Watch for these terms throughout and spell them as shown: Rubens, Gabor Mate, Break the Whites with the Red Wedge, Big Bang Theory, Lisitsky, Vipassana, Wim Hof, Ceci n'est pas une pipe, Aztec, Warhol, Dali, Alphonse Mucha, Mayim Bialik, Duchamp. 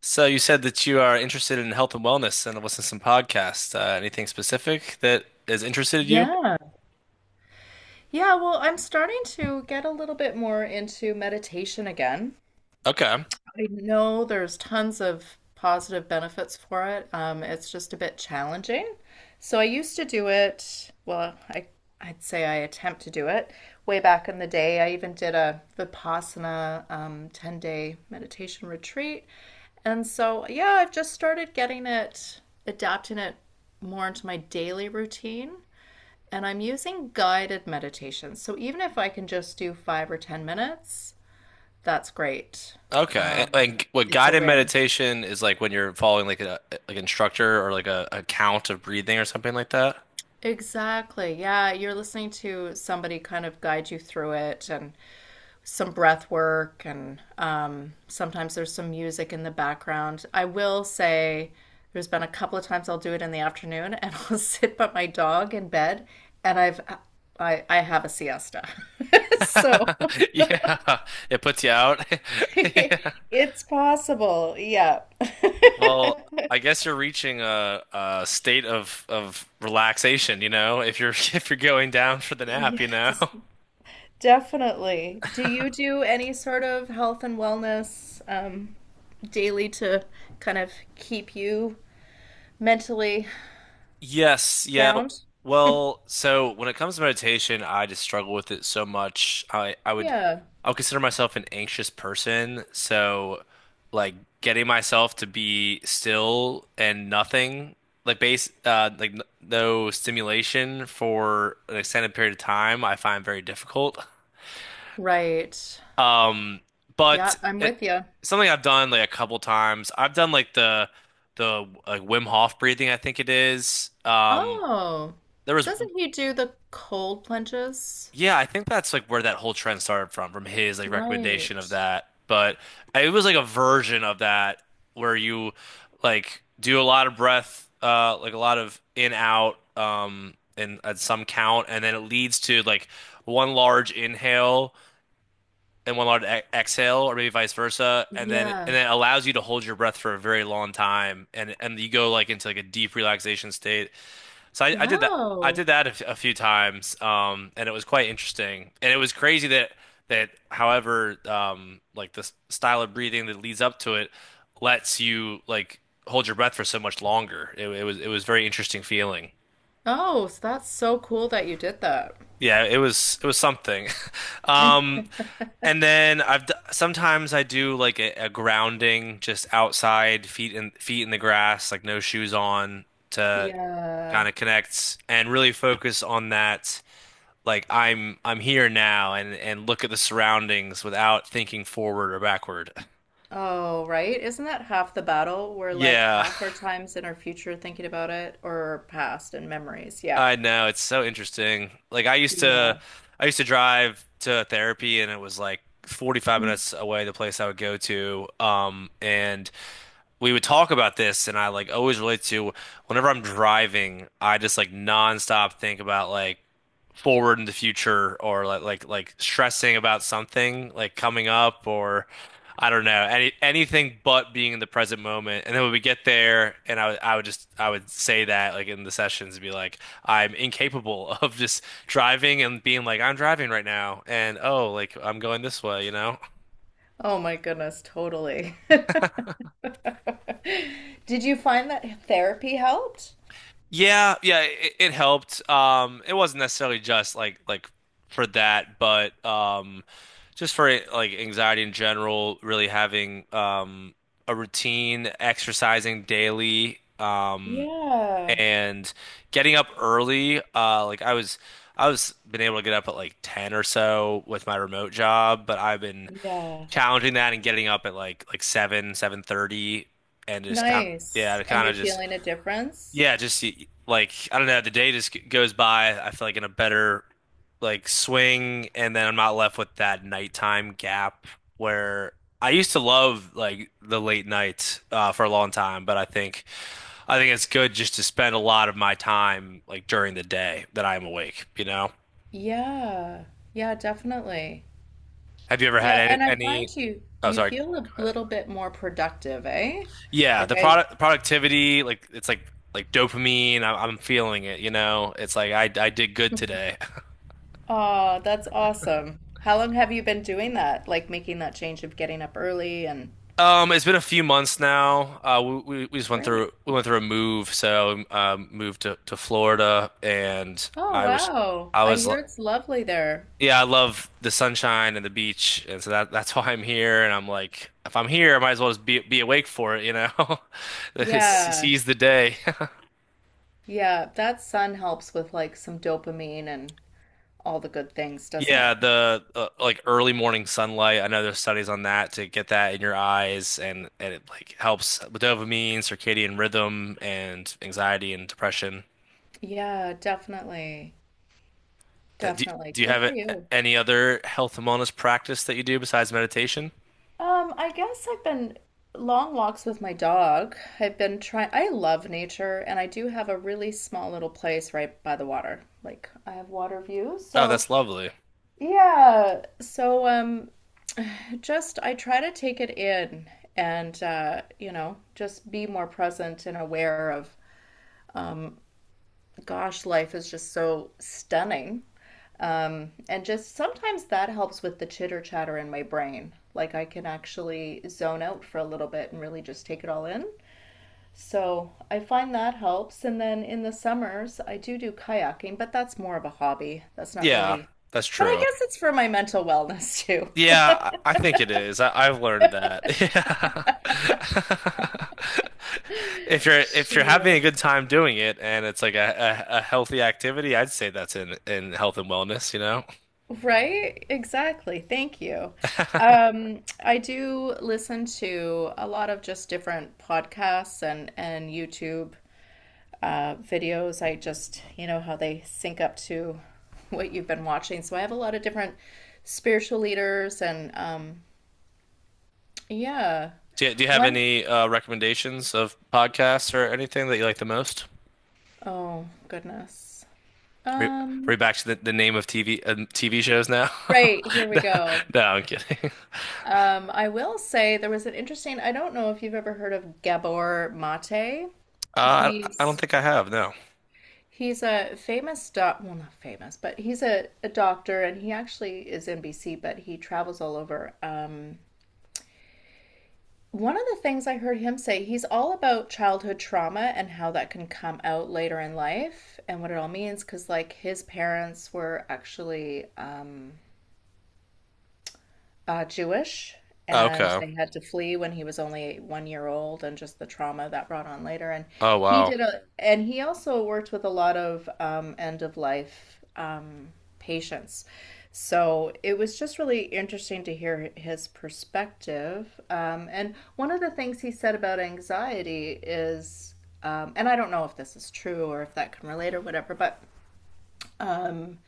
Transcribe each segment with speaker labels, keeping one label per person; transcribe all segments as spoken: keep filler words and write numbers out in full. Speaker 1: So you said that you are interested in health and wellness and listen to some podcasts. Uh, anything specific that has interested you?
Speaker 2: Yeah. Yeah, well, I'm starting to get a little bit more into meditation again.
Speaker 1: Okay.
Speaker 2: I know there's tons of positive benefits for it. Um, it's just a bit challenging. So I used to do it, well, I I'd say I attempt to do it. Way back in the day, I even did a Vipassana um, ten-day meditation retreat. And so, yeah, I've just started getting it, adapting it more into my daily routine. And I'm using guided meditations. So even if I can just do five or ten minutes, that's great.
Speaker 1: Okay. And
Speaker 2: Um,
Speaker 1: like what
Speaker 2: it's a
Speaker 1: guided
Speaker 2: win.
Speaker 1: meditation is, like when you're following like a like instructor or like a, a count of breathing or something like that.
Speaker 2: Exactly. Yeah, you're listening to somebody kind of guide you through it and some breath work and um, sometimes there's some music in the background. I will say there's been a couple of times I'll do it in the afternoon and I'll sit by my dog in bed and I've I I have a siesta. So
Speaker 1: Yeah. It puts you out. Yeah.
Speaker 2: it's possible. Yeah.
Speaker 1: Well, I guess you're reaching a, a state of of relaxation, you know, if you're if you're going down for the nap, you know.
Speaker 2: Yes, definitely. Do you do any sort of health and wellness um, daily to kind of keep you mentally
Speaker 1: Yes, yeah.
Speaker 2: sound?
Speaker 1: Well, so when it comes to meditation, I just struggle with it so much. I I would
Speaker 2: Yeah.
Speaker 1: I would consider myself an anxious person, so like getting myself to be still and nothing, like base uh like n no stimulation for an extended period of time, I find very difficult.
Speaker 2: Right.
Speaker 1: Um, but
Speaker 2: Yeah, I'm
Speaker 1: it
Speaker 2: with you.
Speaker 1: something I've done like a couple times. I've done like the the like Wim Hof breathing, I think it is. Um
Speaker 2: Oh,
Speaker 1: there was
Speaker 2: doesn't he do the cold plunges?
Speaker 1: yeah, I think that's like where that whole trend started from, from his like recommendation
Speaker 2: Right.
Speaker 1: of that. But it was like a version of that where you like do a lot of breath, uh, like a lot of in out, um, and at some count, and then it leads to like one large inhale and one large e exhale, or maybe vice versa, and then and
Speaker 2: Yeah.
Speaker 1: then it allows you to hold your breath for a very long time, and and you go like into like a deep relaxation state. So I, I did that. I did
Speaker 2: Wow.
Speaker 1: that a, f- a few times, um, and it was quite interesting. And it was crazy that that, however, um, like the s- style of breathing that leads up to it lets you like hold your breath for so much longer. It, it was it was very interesting feeling.
Speaker 2: Oh, so that's so cool that you did that.
Speaker 1: Yeah, it was it was something. Um, and then I've d sometimes I do like a, a grounding just outside, feet in feet in the grass, like no shoes on to
Speaker 2: Yeah.
Speaker 1: kind of connect and really focus on that, like I'm I'm here now and and look at the surroundings without thinking forward or backward.
Speaker 2: Oh, right. Isn't that half the battle? We're like
Speaker 1: Yeah,
Speaker 2: half our times in our future thinking about it or past and memories. Yeah.
Speaker 1: I know. It's so interesting. Like I used to
Speaker 2: Yeah.
Speaker 1: I used to drive to therapy and it was like forty-five
Speaker 2: Mm.
Speaker 1: minutes away the place I would go to. Um and we would talk about this and I like always relate to, whenever I'm driving, I just like nonstop think about like forward in the future or like like like stressing about something like coming up or I don't know any anything but being in the present moment, and then when we get there, and I would I would just I would say that like in the sessions, be like I'm incapable of just driving and being like I'm driving right now and oh like I'm going this way, you know.
Speaker 2: Oh my goodness, totally. Did you find that therapy helped?
Speaker 1: Yeah, yeah, it, it helped. Um, it wasn't necessarily just like like for that, but um, just for like anxiety in general, really having um a routine, exercising daily, um,
Speaker 2: Yeah.
Speaker 1: and getting up early. Uh, like I was, I was been able to get up at like ten or so with my remote job, but I've been
Speaker 2: Yeah.
Speaker 1: challenging that and getting up at like like seven, seven thirty, and just kind yeah,
Speaker 2: Nice.
Speaker 1: to
Speaker 2: And
Speaker 1: kind of
Speaker 2: you're
Speaker 1: just
Speaker 2: feeling a difference?
Speaker 1: yeah, just like I don't know, the day just g- goes by, I feel like in a better like swing, and then I'm not left with that nighttime gap where I used to love like the late night, uh, for a long time, but I think I think it's good just to spend a lot of my time like during the day that I'm awake, you know?
Speaker 2: Yeah. Yeah, definitely.
Speaker 1: Have you ever had
Speaker 2: Yeah,
Speaker 1: any,
Speaker 2: and I
Speaker 1: any
Speaker 2: find you
Speaker 1: oh
Speaker 2: you
Speaker 1: sorry, go
Speaker 2: feel a
Speaker 1: ahead.
Speaker 2: little bit more productive, eh?
Speaker 1: Yeah,
Speaker 2: Like
Speaker 1: the
Speaker 2: I.
Speaker 1: product productivity, like it's like like dopamine, I, I'm feeling it, you know? It's like I I did good today.
Speaker 2: Oh, that's awesome. How long have you been doing that? Like making that change of getting up early and
Speaker 1: Um, it's been a few months now. Uh, we, we we just went
Speaker 2: great.
Speaker 1: through we went through a move, so um, um, moved to, to Florida, and
Speaker 2: Oh,
Speaker 1: I was
Speaker 2: wow.
Speaker 1: I
Speaker 2: I
Speaker 1: was
Speaker 2: hear
Speaker 1: lo-
Speaker 2: it's lovely there.
Speaker 1: yeah, I love the sunshine and the beach, and so that that's why I'm here. And I'm like, if I'm here, I might as well just be be awake for it, you know,
Speaker 2: Yeah.
Speaker 1: seize the day.
Speaker 2: Yeah, that sun helps with like some dopamine and all the good things, doesn't it?
Speaker 1: Yeah, the uh, like early morning sunlight. I know there's studies on that, to get that in your eyes, and and it like helps with dopamine, circadian rhythm, and anxiety and depression.
Speaker 2: Yeah, definitely.
Speaker 1: That do,
Speaker 2: Definitely.
Speaker 1: do you
Speaker 2: Good
Speaker 1: have
Speaker 2: for
Speaker 1: a-
Speaker 2: you.
Speaker 1: any other health and wellness practice that you do besides meditation?
Speaker 2: Um, I guess I've been long walks with my dog. I've been trying, I love nature, and I do have a really small little place right by the water. Like, I have water views,
Speaker 1: Oh,
Speaker 2: so
Speaker 1: that's lovely.
Speaker 2: yeah. So um just I try to take it in and uh, you know, just be more present and aware of um gosh, life is just so stunning. Um and just sometimes that helps with the chitter chatter in my brain. Like I can actually zone out for a little bit and really just take it all in. So I find that helps. And then in the summers, I do do kayaking, but that's more of a hobby. That's not
Speaker 1: Yeah,
Speaker 2: really,
Speaker 1: that's
Speaker 2: but I
Speaker 1: true.
Speaker 2: guess it's for my mental wellness too.
Speaker 1: Yeah, I, I think it is. I, I've learned that. Yeah. If you're if you're having
Speaker 2: Sure.
Speaker 1: a good time doing it and it's like a, a, a healthy activity, I'd say that's in in health and wellness, you know?
Speaker 2: Right? Exactly. Thank you. Um, I do listen to a lot of just different podcasts and and YouTube uh, videos. I just, you know, how they sync up to what you've been watching. So I have a lot of different spiritual leaders and um, yeah.
Speaker 1: Do you, do you have
Speaker 2: One,
Speaker 1: any uh, recommendations of podcasts or anything that you like the most?
Speaker 2: oh goodness.
Speaker 1: Are we
Speaker 2: Um,
Speaker 1: back to the, the name of T V uh, T V shows now?
Speaker 2: right, here we
Speaker 1: No,
Speaker 2: go.
Speaker 1: no, I'm kidding.
Speaker 2: Um, I will say there was an interesting, I don't know if you've ever heard of Gabor Mate.
Speaker 1: Uh, I, I don't
Speaker 2: He's
Speaker 1: think I have, no.
Speaker 2: he's a famous doc, well, not famous, but he's a, a doctor and he actually is in B C, but he travels all over. Um, one of the things I heard him say, he's all about childhood trauma and how that can come out later in life and what it all means, because like his parents were actually um uh, Jewish, and
Speaker 1: Okay.
Speaker 2: they had to flee when he was only one year old, and just the trauma that brought on later. And
Speaker 1: Oh,
Speaker 2: he
Speaker 1: wow.
Speaker 2: did a, and he also worked with a lot of um, end of life um, patients. So it was just really interesting to hear his perspective. Um, and one of the things he said about anxiety is, um, and I don't know if this is true or if that can relate or whatever, but um,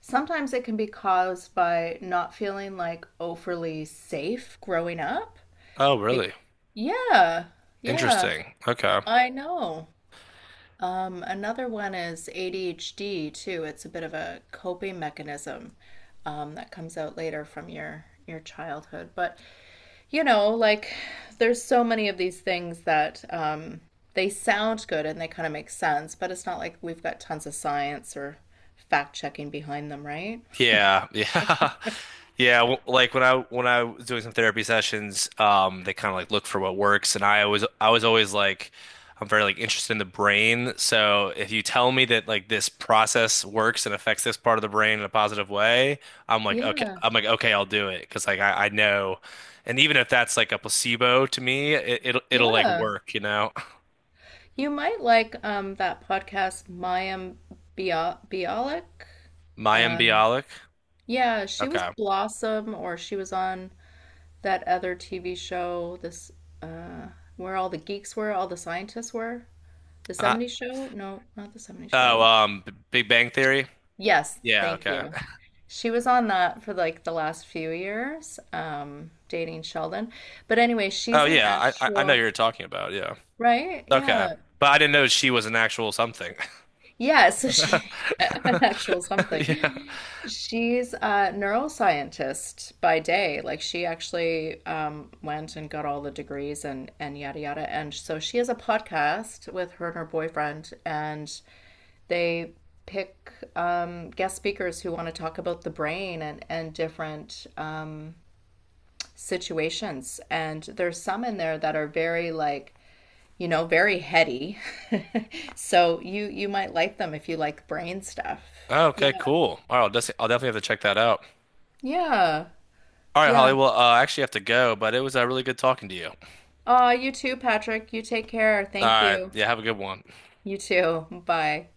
Speaker 2: sometimes it can be caused by not feeling like overly safe growing up.
Speaker 1: Oh,
Speaker 2: Be-
Speaker 1: really?
Speaker 2: yeah, yeah,
Speaker 1: Interesting. Okay.
Speaker 2: I know. Um, another one is A D H D too. It's a bit of a coping mechanism um, that comes out later from your your childhood. But you know, like there's so many of these things that um, they sound good and they kind of make sense, but it's not like we've got tons of science or fact checking behind them, right?
Speaker 1: Yeah, yeah. Yeah, w- like when I when I was doing some therapy sessions, um, they kind of like look for what works, and I always I was always like, I'm very like interested in the brain. So if you tell me that like this process works and affects this part of the brain in a positive way, I'm like okay,
Speaker 2: Yeah.
Speaker 1: I'm like okay, I'll do it because like I, I know, and even if that's like a placebo to me, it, it'll it'll like
Speaker 2: Yeah.
Speaker 1: work, you know.
Speaker 2: You might like um that podcast Mayim Bia Bialik.
Speaker 1: Mayim
Speaker 2: Um
Speaker 1: Bialik.
Speaker 2: yeah, she was
Speaker 1: Okay.
Speaker 2: Blossom or she was on that other T V show this uh where all the geeks were, all the scientists were. The
Speaker 1: Uh,
Speaker 2: seventies show? No, not the seventies
Speaker 1: oh,
Speaker 2: show.
Speaker 1: um, B- Big Bang Theory.
Speaker 2: Yes,
Speaker 1: Yeah.
Speaker 2: thank
Speaker 1: Okay.
Speaker 2: you. She was on that for like the last few years, um, dating Sheldon. But anyway,
Speaker 1: Oh
Speaker 2: she's an
Speaker 1: yeah, I I I know
Speaker 2: actual,
Speaker 1: you're talking about. Yeah.
Speaker 2: right?
Speaker 1: Okay.
Speaker 2: Yeah.
Speaker 1: But I didn't know she was an actual something.
Speaker 2: Yeah, so she an actual something.
Speaker 1: Yeah.
Speaker 2: She's a neuroscientist by day. Like she actually um, went and got all the degrees and and yada yada. And so she has a podcast with her and her boyfriend, and they pick um, guest speakers who want to talk about the brain and and different um, situations. And there's some in there that are very like you know, very heady. So you you might like them if you like brain stuff.
Speaker 1: Oh,
Speaker 2: Yeah.
Speaker 1: okay, cool. All right, I'll, des- I'll definitely have to check that out.
Speaker 2: Yeah.
Speaker 1: All right, Holly.
Speaker 2: Yeah.
Speaker 1: Well, uh, I actually have to go, but it was uh, really good talking to you. All
Speaker 2: Ah, you too, Patrick. You take care. Thank
Speaker 1: right.
Speaker 2: you.
Speaker 1: Yeah, have a good one.
Speaker 2: You too. Bye.